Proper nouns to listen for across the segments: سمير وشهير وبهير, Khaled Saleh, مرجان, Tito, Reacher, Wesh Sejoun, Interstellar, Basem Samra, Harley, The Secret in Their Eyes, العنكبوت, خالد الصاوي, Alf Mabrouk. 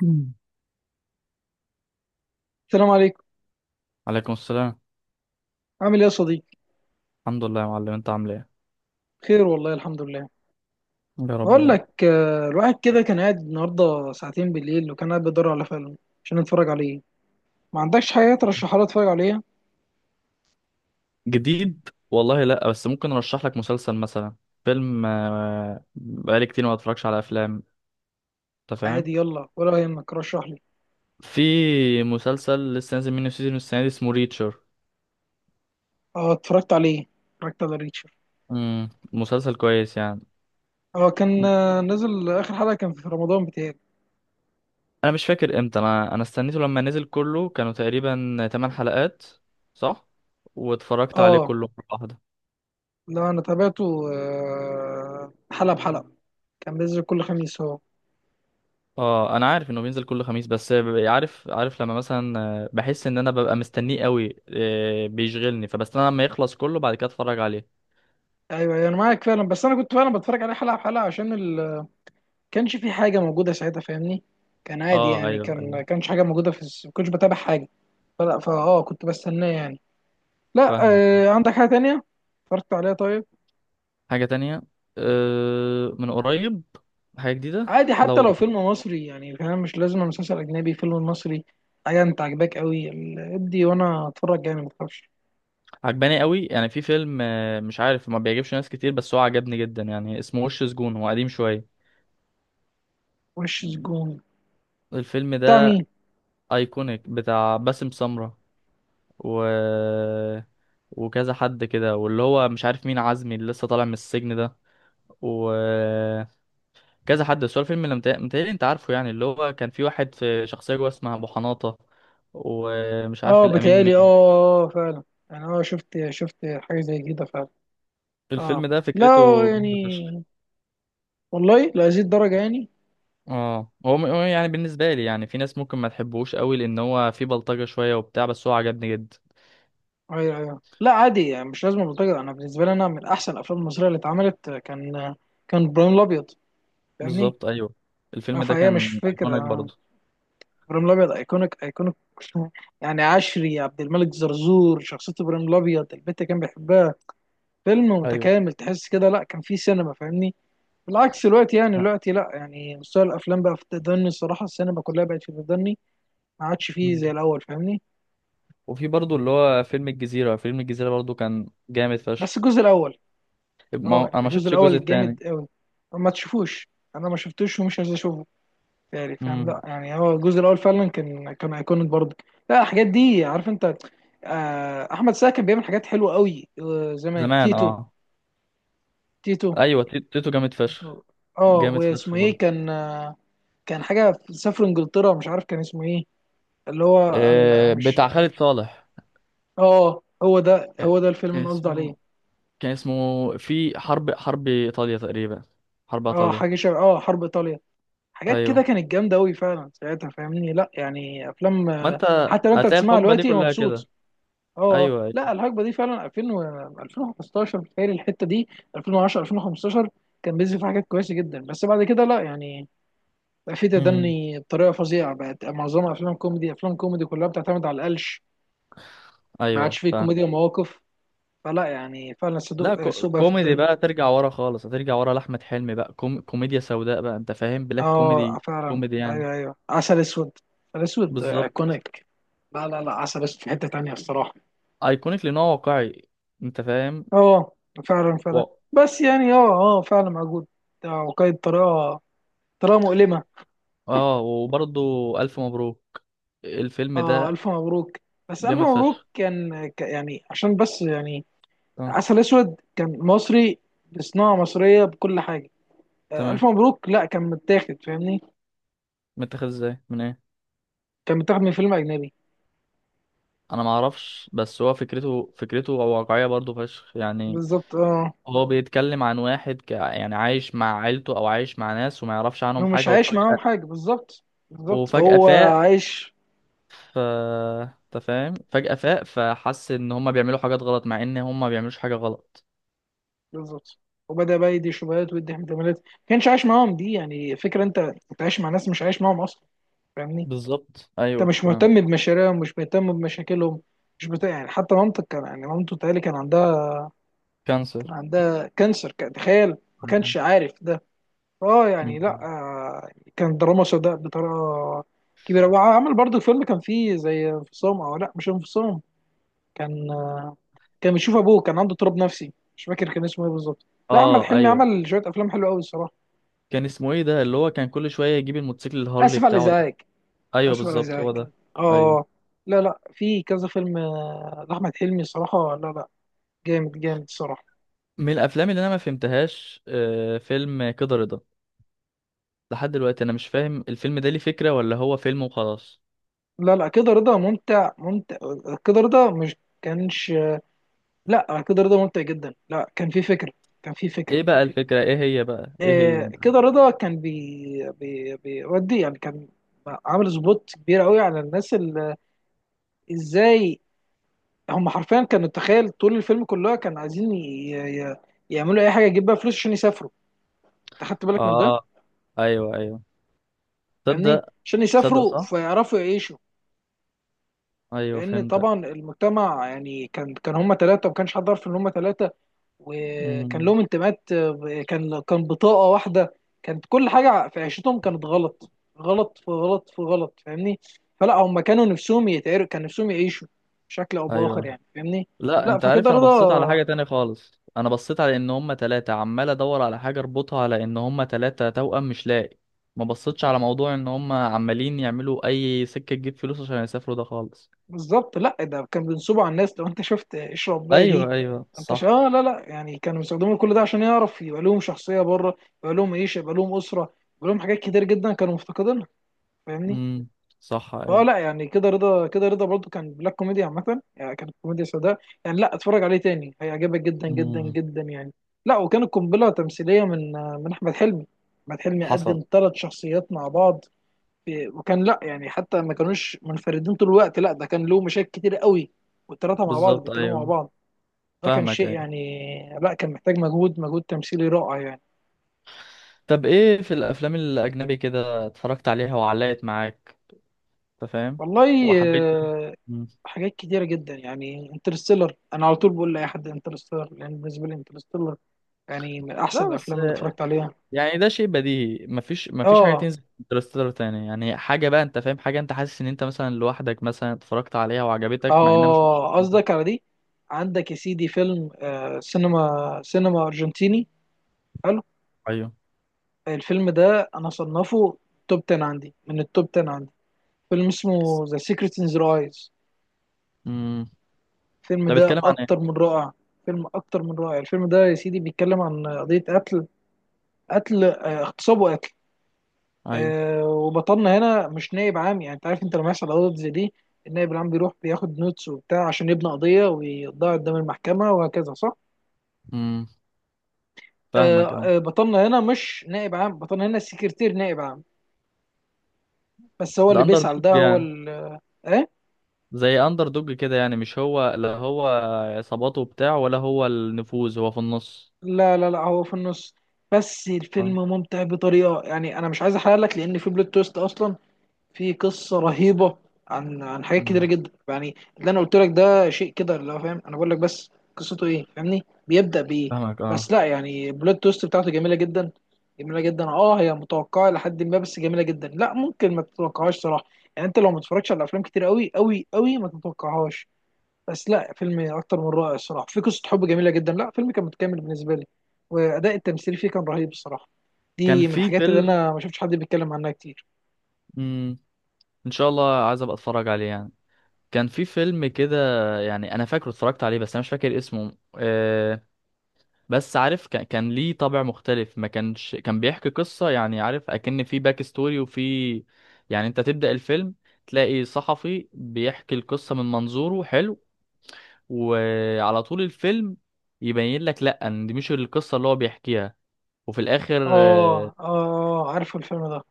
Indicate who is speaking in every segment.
Speaker 1: مم.
Speaker 2: السلام عليكم.
Speaker 1: عليكم السلام.
Speaker 2: عامل ايه يا صديقي؟
Speaker 1: الحمد لله يا معلم، انت عامل ايه؟
Speaker 2: خير والله، الحمد لله.
Speaker 1: يا رب
Speaker 2: بقول
Speaker 1: دايما.
Speaker 2: لك الواحد كده كان قاعد النهارده ساعتين بالليل، وكان قاعد بيدور على فيلم عشان نتفرج عليه. ما عندكش حاجه ترشحها لي اتفرج عليها؟
Speaker 1: جديد والله، لا بس ممكن ارشح لك مسلسل مثلا. فيلم بقالي كتير ما اتفرجش على افلام. انت فاهم.
Speaker 2: عادي، يلا، ولا يهمك، رشح لي.
Speaker 1: في مسلسل لسه نازل منه سيزون السنه دي اسمه ريتشر.
Speaker 2: اه، اتفرجت عليه، اتفرجت على ريتشر.
Speaker 1: مسلسل كويس يعني.
Speaker 2: اه كان، نزل اخر حلقه كان في رمضان بتاعي.
Speaker 1: انا مش فاكر امتى انا استنيته لما نزل كله، كانوا تقريبا 8 حلقات. صح. واتفرجت عليه
Speaker 2: اه
Speaker 1: كله مرة واحدة.
Speaker 2: لا، انا تابعته حلقه بحلقه، كان بينزل كل خميس هو.
Speaker 1: اه انا عارف انه بينزل كل خميس، بس عارف لما مثلا بحس ان انا ببقى مستنيه قوي، بيشغلني فبستنى لما يخلص كله بعد كده اتفرج عليه.
Speaker 2: ايوه أيوة، انا معاك فعلا، بس انا كنت فعلا بتفرج عليه حلقه بحلقه عشان كانش في حاجه موجوده ساعتها، فاهمني؟ كان عادي
Speaker 1: اه
Speaker 2: يعني،
Speaker 1: ايوه ايوه
Speaker 2: كان كانش حاجه موجوده في ما كنتش بتابع حاجه، فلا كنت بستناه يعني. لا.
Speaker 1: فاهمك.
Speaker 2: آه، عندك حاجه تانية اتفرجت عليها طيب؟
Speaker 1: حاجه تانية. من قريب. حاجه جديده.
Speaker 2: عادي
Speaker 1: لا
Speaker 2: حتى لو فيلم
Speaker 1: والله.
Speaker 2: مصري، يعني فاهم، مش لازم مسلسل اجنبي، فيلم مصري، حاجه انت عاجباك قوي، ادي وانا اتفرج يعني، ما تخافش.
Speaker 1: عجباني قوي، يعني في فيلم مش عارف ما بيعجبش ناس كتير بس هو عجبني جدا يعني، اسمه وش سجون، هو قديم شويه.
Speaker 2: وش سجون؟
Speaker 1: الفيلم
Speaker 2: بتاع
Speaker 1: ده
Speaker 2: مين؟
Speaker 1: ايكونيك بتاع باسم سمرة و وكذا حد كده، واللي هو مش عارف مين عزمي اللي لسه طالع من السجن ده وكذا حد، بس هو الفيلم اللي متهيألي انت عارفه يعني، اللي هو كان في واحد في شخصية جوه اسمها أبو حناطة، ومش عارف
Speaker 2: اه
Speaker 1: الأمين
Speaker 2: بتهيألي، اه،
Speaker 1: مين.
Speaker 2: فعلا. يعني اه، شفت حاجه زي كده فعلا. اه
Speaker 1: الفيلم ده
Speaker 2: لا
Speaker 1: فكرته جامدة فشخ.
Speaker 2: يعني، والله لهذه الدرجه يعني؟
Speaker 1: اه هو يعني بالنسبة لي، يعني في ناس ممكن ما تحبوش قوي لأن هو فيه بلطجة شوية وبتاع، بس هو عجبني جدا.
Speaker 2: ايوه ايوه، لا عادي يعني، مش لازم بلطجة. انا بالنسبه لي، انا من احسن الافلام المصريه اللي اتعملت كان كان ابراهيم الابيض، فاهمني؟
Speaker 1: بالظبط أيوه. الفيلم ده
Speaker 2: فهي مش
Speaker 1: كان
Speaker 2: فكره،
Speaker 1: أيكونيك برضه.
Speaker 2: ابراهيم الابيض ايكونيك ايكونيك. يعني عشري، عبد الملك، زرزور، شخصيه ابراهيم الابيض، البت كان بيحبها. فيلم
Speaker 1: ايوه
Speaker 2: متكامل، تحس كده لا كان فيه سينما، فاهمني؟ بالعكس دلوقتي، يعني
Speaker 1: لا.
Speaker 2: دلوقتي لا، يعني مستوى الافلام بقى في التدني الصراحه، السينما كلها بقت في التدني. ما عادش فيه
Speaker 1: مم.
Speaker 2: زي الاول، فاهمني؟
Speaker 1: وفي برضه اللي هو فيلم الجزيرة برضه، كان جامد
Speaker 2: بس
Speaker 1: فشخ.
Speaker 2: الجزء الاول.
Speaker 1: ما هو-
Speaker 2: اه
Speaker 1: أنا
Speaker 2: يعني
Speaker 1: ما
Speaker 2: الجزء
Speaker 1: شفتش الجزء
Speaker 2: الاول جامد
Speaker 1: التاني.
Speaker 2: قوي، ما تشوفوش، انا ما شفتوش ومش عايز اشوفه. يعني فاهم،
Speaker 1: مم.
Speaker 2: لا يعني هو الجزء الاول فعلا كان، كان ايكونيك برضه. لا الحاجات دي عارف انت، احمد سعد كان بيعمل حاجات حلوه قوي، زمان
Speaker 1: زمان اه.
Speaker 2: تيتو، تيتو،
Speaker 1: ايوه تيتو جامد فشخ.
Speaker 2: تيتو. اه،
Speaker 1: جامد
Speaker 2: واسمه
Speaker 1: فشخ
Speaker 2: ايه
Speaker 1: برضه.
Speaker 2: كان، كان حاجه سافر انجلترا، مش عارف كان اسمه ايه، اللي هو
Speaker 1: آه،
Speaker 2: مش.
Speaker 1: بتاع خالد صالح.
Speaker 2: اه هو ده، هو ده الفيلم
Speaker 1: كان
Speaker 2: اللي قصدي عليه.
Speaker 1: اسمه كان اسمه في حرب ايطاليا تقريبا. حرب
Speaker 2: اه
Speaker 1: ايطاليا.
Speaker 2: حاجه شبه، اه حرب ايطاليا. حاجات كده
Speaker 1: ايوه.
Speaker 2: كانت جامده قوي فعلا ساعتها، فاهمني؟ لا يعني
Speaker 1: ما
Speaker 2: افلام،
Speaker 1: انت
Speaker 2: حتى لو انت
Speaker 1: هتلاقي
Speaker 2: بتسمعها
Speaker 1: الحقبه دي
Speaker 2: دلوقتي
Speaker 1: كلها
Speaker 2: مبسوط.
Speaker 1: كده.
Speaker 2: اه،
Speaker 1: ايوه ايوه.
Speaker 2: لا الحقبه دي فعلا 2000 و 2015، بتهيألي الحته دي 2010، 2015. كان بينزل فيها حاجات كويسه جدا، بس بعد كده لا يعني، بقى في
Speaker 1: امم
Speaker 2: تدني بطريقه فظيعه، بقت معظمها افلام كوميدي، افلام كوميدي كلها بتعتمد على القلش، ما عادش
Speaker 1: ايوه
Speaker 2: فيه
Speaker 1: فاهم.
Speaker 2: كوميديا مواقف. فلا يعني فعلا
Speaker 1: لا
Speaker 2: صدق سوء بقى في
Speaker 1: كوميدي
Speaker 2: الدنيا.
Speaker 1: بقى، ترجع ورا خالص، هترجع ورا لاحمد حلمي بقى، كوميديا سوداء بقى، انت فاهم، بلاك
Speaker 2: اه
Speaker 1: كوميدي.
Speaker 2: فعلا،
Speaker 1: كوميدي يعني.
Speaker 2: ايوه ايوه، عسل اسود، عسل اسود
Speaker 1: بالظبط.
Speaker 2: ايكونيك. لا لا لا، عسل اسود في حته تانيه الصراحه.
Speaker 1: ايكونيك لان هو واقعي. انت فاهم.
Speaker 2: اه فعلا
Speaker 1: و...
Speaker 2: فعلا. بس يعني فعلا موجود، ده وقايد طريقه، طريقه مؤلمه.
Speaker 1: اه وبرضه. الف مبروك. الفيلم
Speaker 2: اه
Speaker 1: ده
Speaker 2: الف مبروك. بس الف
Speaker 1: جامد
Speaker 2: مبروك
Speaker 1: فشخ.
Speaker 2: كان يعني عشان، بس يعني
Speaker 1: اه.
Speaker 2: عسل اسود كان مصري بصناعه مصريه بكل حاجه، آه. الف
Speaker 1: تمام.
Speaker 2: مبروك لا كان متاخد، فاهمني؟
Speaker 1: متاخد ازاي؟ من ايه؟
Speaker 2: كان متاخد من فيلم اجنبي.
Speaker 1: انا ما اعرفش، بس هو فكرته واقعيه برضو فشخ يعني.
Speaker 2: بالظبط، اه.
Speaker 1: هو بيتكلم عن واحد يعني عايش مع عيلته او عايش مع ناس وما يعرفش
Speaker 2: هو
Speaker 1: عنهم
Speaker 2: مش
Speaker 1: حاجه،
Speaker 2: عايش معاهم
Speaker 1: وفجاه.
Speaker 2: حاجه بالظبط، بالظبط،
Speaker 1: وفجاه
Speaker 2: هو
Speaker 1: فاق.
Speaker 2: عايش.
Speaker 1: ف انت فاهم، فجاه فاق فحس ان هما بيعملوا حاجات غلط مع ان هما ما بيعملوش حاجه غلط.
Speaker 2: بالظبط، وبدا بقى يدي شبهات ويدي احتمالات، ما كانش عايش معاهم، دي يعني فكره، انت عايش مع ناس مش عايش معاهم اصلا، فاهمني؟
Speaker 1: بالظبط
Speaker 2: انت
Speaker 1: ايوه
Speaker 2: مش
Speaker 1: فاهم.
Speaker 2: مهتم بمشاريعهم، مش مهتم بمشاكلهم، مش بتاع يعني، حتى مامتك كان يعني مامته تقالي كان عندها، كان
Speaker 1: كانسر.
Speaker 2: عندها كانسر، كان، تخيل، ما كانش عارف ده. اه يعني لا،
Speaker 1: مم.
Speaker 2: يعني كان دراما سوداء بطريقه كبيره. وعمل برضه فيلم كان فيه زي انفصام، او لا مش انفصام، كان، كان بيشوف ابوه، كان عنده اضطراب نفسي، مش فاكر كان اسمه ايه بالظبط. لا احمد
Speaker 1: اه
Speaker 2: حلمي
Speaker 1: ايوه.
Speaker 2: عمل شويه افلام حلوه قوي الصراحه.
Speaker 1: كان اسمه ايه ده اللي هو كان كل شويه يجيب الموتوسيكل الهارلي
Speaker 2: اسف على
Speaker 1: بتاعه ده؟
Speaker 2: الازعاج،
Speaker 1: ايوه
Speaker 2: اسف على
Speaker 1: بالظبط هو
Speaker 2: الازعاج.
Speaker 1: ده. ايوه.
Speaker 2: اه. لا لا، في كذا فيلم لاحمد حلمي صراحه، لا لا، جامد جامد الصراحه.
Speaker 1: من الافلام اللي انا ما فهمتهاش فيلم كده رضا. لحد دلوقتي انا مش فاهم الفيلم ده ليه فكرة ولا هو فيلم وخلاص.
Speaker 2: لا لا، كده رضا ممتع ممتع. كده رضا مش كانش، لا كده رضا ممتع جدا، لا كان في فكره، كان في فكره.
Speaker 1: ايه بقى الفكرة؟ ايه هي بقى؟ ايه
Speaker 2: آه،
Speaker 1: هي؟
Speaker 2: كده رضا كان بي بي بيودي يعني، كان عامل سبوت كبير قوي على الناس اللي، ازاي، هم حرفيا كانوا، تخيل طول الفيلم كلها كانوا عايزين يعملوا اي حاجه يجيب بيها فلوس عشان يسافروا. انت خدت بالك من ده؟
Speaker 1: اه ايوه ايوه.
Speaker 2: يعني
Speaker 1: تصدق.
Speaker 2: عشان
Speaker 1: تصدق،
Speaker 2: يسافروا،
Speaker 1: صح
Speaker 2: فيعرفوا يعيشوا.
Speaker 1: ايوه
Speaker 2: لان
Speaker 1: فهمتك.
Speaker 2: طبعا المجتمع يعني كان هم ثلاثه وما كانش حد عارف ان هم ثلاثه، وكان
Speaker 1: امم
Speaker 2: لهم انتماءات، كان بطاقه واحده، كانت كل حاجه في عيشتهم كانت غلط، غلط في غلط في غلط، فاهمني؟ فلا هم كانوا نفسهم يتعرف، كان نفسهم يعيشوا بشكل او باخر،
Speaker 1: ايوه.
Speaker 2: يعني فاهمني.
Speaker 1: لا
Speaker 2: لا
Speaker 1: انت
Speaker 2: فكده
Speaker 1: عارف، انا بصيت على حاجة
Speaker 2: رضا،
Speaker 1: تانية خالص، انا بصيت على ان هما تلاتة، عمال ادور على حاجة اربطها على ان هما تلاتة توأم مش لاقي. ما بصيتش على موضوع ان هما عمالين يعملوا اي سكة تجيب فلوس عشان يسافروا ده خالص.
Speaker 2: بالظبط. لا ده كان بينصبوا على الناس، لو انت شفت اشرب بقى دي،
Speaker 1: ايوه ايوه
Speaker 2: انت شا...
Speaker 1: صح.
Speaker 2: آه لا لا، يعني كانوا بيستخدموا كل ده عشان يعرف يبقى لهم شخصيه بره، يبقى لهم عيشه، يبقى لهم اسره، يبقى لهم حاجات كتير جدا كانوا مفتقدينها، فاهمني؟
Speaker 1: امم صح
Speaker 2: فهو
Speaker 1: ايوه.
Speaker 2: لا يعني، كده رضا، كده رضا برضو كان بلاك كوميديا عامة، يعني كانت كوميديا سوداء، يعني لا اتفرج عليه تاني هيعجبك جدا جدا
Speaker 1: امم
Speaker 2: جدا يعني. لا وكانت قنبلة تمثيلية من، أحمد حلمي. أحمد حلمي
Speaker 1: حصل.
Speaker 2: قدم ثلاث شخصيات مع بعض، وكان لا يعني حتى ما كانوش منفردين طول الوقت، لا ده كان له مشاكل كتير قوي، والثلاثة مع بعض
Speaker 1: بالظبط
Speaker 2: بيتكلموا مع
Speaker 1: ايوه
Speaker 2: بعض، ده كان
Speaker 1: فاهمك
Speaker 2: شيء
Speaker 1: ايوه.
Speaker 2: يعني، لا كان محتاج مجهود، مجهود تمثيلي رائع يعني.
Speaker 1: طب ايه في الافلام الاجنبي كده اتفرجت عليها وعلقت معاك؟ انت فاهم.
Speaker 2: والله،
Speaker 1: وحبيتها. مم.
Speaker 2: حاجات كتيرة جدا، يعني انترستيلر، انا على طول بقول لاي حد انترستيلر، لان بالنسبة لي انترستيلر يعني من احسن
Speaker 1: لا بس،
Speaker 2: الافلام اللي اتفرجت عليها.
Speaker 1: يعني ده شيء بديهي، مفيش حاجه
Speaker 2: اه
Speaker 1: تنزل انترستيلر تاني يعني، حاجه بقى انت فاهم، حاجه انت حاسس ان انت مثلا لوحدك مثلا اتفرجت عليها وعجبتك مع انها مش مشهورة
Speaker 2: اه،
Speaker 1: مثلا.
Speaker 2: قصدك على دي. عندك يا سيدي فيلم، آه، سينما، ارجنتيني، حلو.
Speaker 1: ايوه.
Speaker 2: الفيلم ده انا صنفه توب 10 عندي، من التوب 10 عندي، فيلم اسمه ذا سيكريت ان ذا ايز.
Speaker 1: امم
Speaker 2: الفيلم
Speaker 1: ده
Speaker 2: ده
Speaker 1: بيتكلم عن
Speaker 2: اكتر
Speaker 1: ايه؟
Speaker 2: من رائع، فيلم اكتر من رائع. الفيلم ده يا سيدي بيتكلم عن قضية قتل، قتل، اغتصاب وقتل.
Speaker 1: ايوه.
Speaker 2: آه، وبطلنا هنا مش نائب عام، يعني انت عارف، انت لما يحصل قضايا زي دي، النائب العام بيروح بياخد نوتس وبتاع عشان يبني قضيه ويضاع قدام المحكمه، وهكذا، صح؟
Speaker 1: امم فاهمك اه.
Speaker 2: بطلنا هنا مش نائب عام، بطلنا هنا السكرتير نائب عام، بس هو
Speaker 1: ده
Speaker 2: اللي
Speaker 1: اندر
Speaker 2: بيسأل،
Speaker 1: دوج
Speaker 2: ده هو
Speaker 1: يعني؟
Speaker 2: ال، ايه؟
Speaker 1: زي اندر دوج كده يعني، مش هو، لا هو عصاباته بتاع ولا هو النفوذ، هو في النص؟
Speaker 2: لا لا لا، هو في النص. بس الفيلم
Speaker 1: آه.
Speaker 2: ممتع بطريقه، يعني انا مش عايز احرق لك، لان في بلوت تويست اصلا، في قصه رهيبه عن، حاجات كتيره
Speaker 1: مم.
Speaker 2: جدا يعني. اللي انا قلت لك ده شيء كده، اللي هو فاهم انا بقول لك بس قصته ايه، فاهمني؟ بيبدا بايه؟
Speaker 1: فاهمك
Speaker 2: بس
Speaker 1: اه.
Speaker 2: لا يعني البلوت تويست بتاعته جميله جدا، جميله جدا. اه هي متوقعه لحد ما، بس جميله جدا، لا ممكن ما تتوقعهاش صراحه، يعني انت لو ما تتفرجش على افلام كتير قوي قوي قوي ما تتوقعهاش. بس لا، فيلم اكتر من رائع الصراحه، في قصه حب جميله جدا، لا فيلم كان متكامل بالنسبه لي، واداء التمثيل فيه كان رهيب الصراحه.
Speaker 1: كان
Speaker 2: دي من
Speaker 1: في
Speaker 2: الحاجات اللي
Speaker 1: فيلم.
Speaker 2: انا ما شفتش حد بيتكلم عنها كتير.
Speaker 1: مم. ان شاء الله عايز ابقى اتفرج عليه يعني. كان في فيلم كده. يعني انا فاكره اتفرجت عليه، بس انا مش فاكر اسمه. بس عارف كان, ليه طابع مختلف، ما كانش كان بيحكي قصة يعني، عارف اكن في باك ستوري وفي. يعني انت تبدأ الفيلم، تلاقي صحفي بيحكي القصة من منظوره حلو. وعلى طول الفيلم يبين لك لا، ان دي مش القصه اللي هو بيحكيها. وفي الاخر
Speaker 2: اه اه، عارفه الفيلم ده.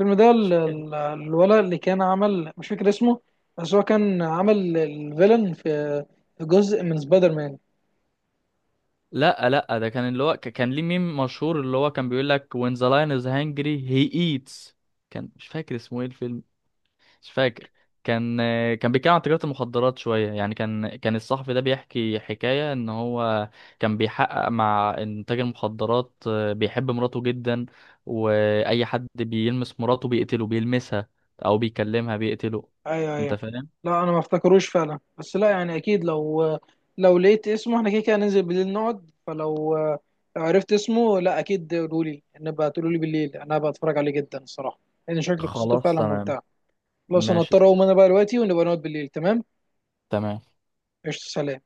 Speaker 2: الفيلم ده الولد اللي كان عمل، مش فاكر اسمه، بس هو كان عمل الفيلن في، في جزء من سبايدر مان.
Speaker 1: لا لا، ده كان اللي هو كان ليه ميم مشهور اللي هو كان بيقول لك when the lion is hungry he eats. كان مش فاكر اسمه ايه الفيلم. مش فاكر. كان كان بيتكلم عن تجارة المخدرات شوية يعني، كان الصحفي ده بيحكي حكاية ان هو كان بيحقق مع إن تاجر مخدرات بيحب مراته جدا، واي حد بيلمس مراته بيقتله، بيلمسها او بيكلمها بيقتله.
Speaker 2: ايوه
Speaker 1: انت
Speaker 2: ايوه.
Speaker 1: فاهم.
Speaker 2: لا انا ما افتكروش فعلا، بس لا يعني اكيد لو، لو لقيت اسمه احنا كده كده هننزل بالليل نقعد، فلو لو عرفت اسمه، لا اكيد قولولي، نبقى تقولولي بالليل انا بتفرج عليه جدا الصراحه، لان شكل قصته
Speaker 1: خلاص
Speaker 2: فعلا
Speaker 1: تمام.
Speaker 2: ممتعه. خلاص انا
Speaker 1: ماشي
Speaker 2: هضطر
Speaker 1: تمام.
Speaker 2: اقوم انا بقى دلوقتي، ونبقى نقعد بالليل، تمام.
Speaker 1: تمام.
Speaker 2: قشطة، سلام.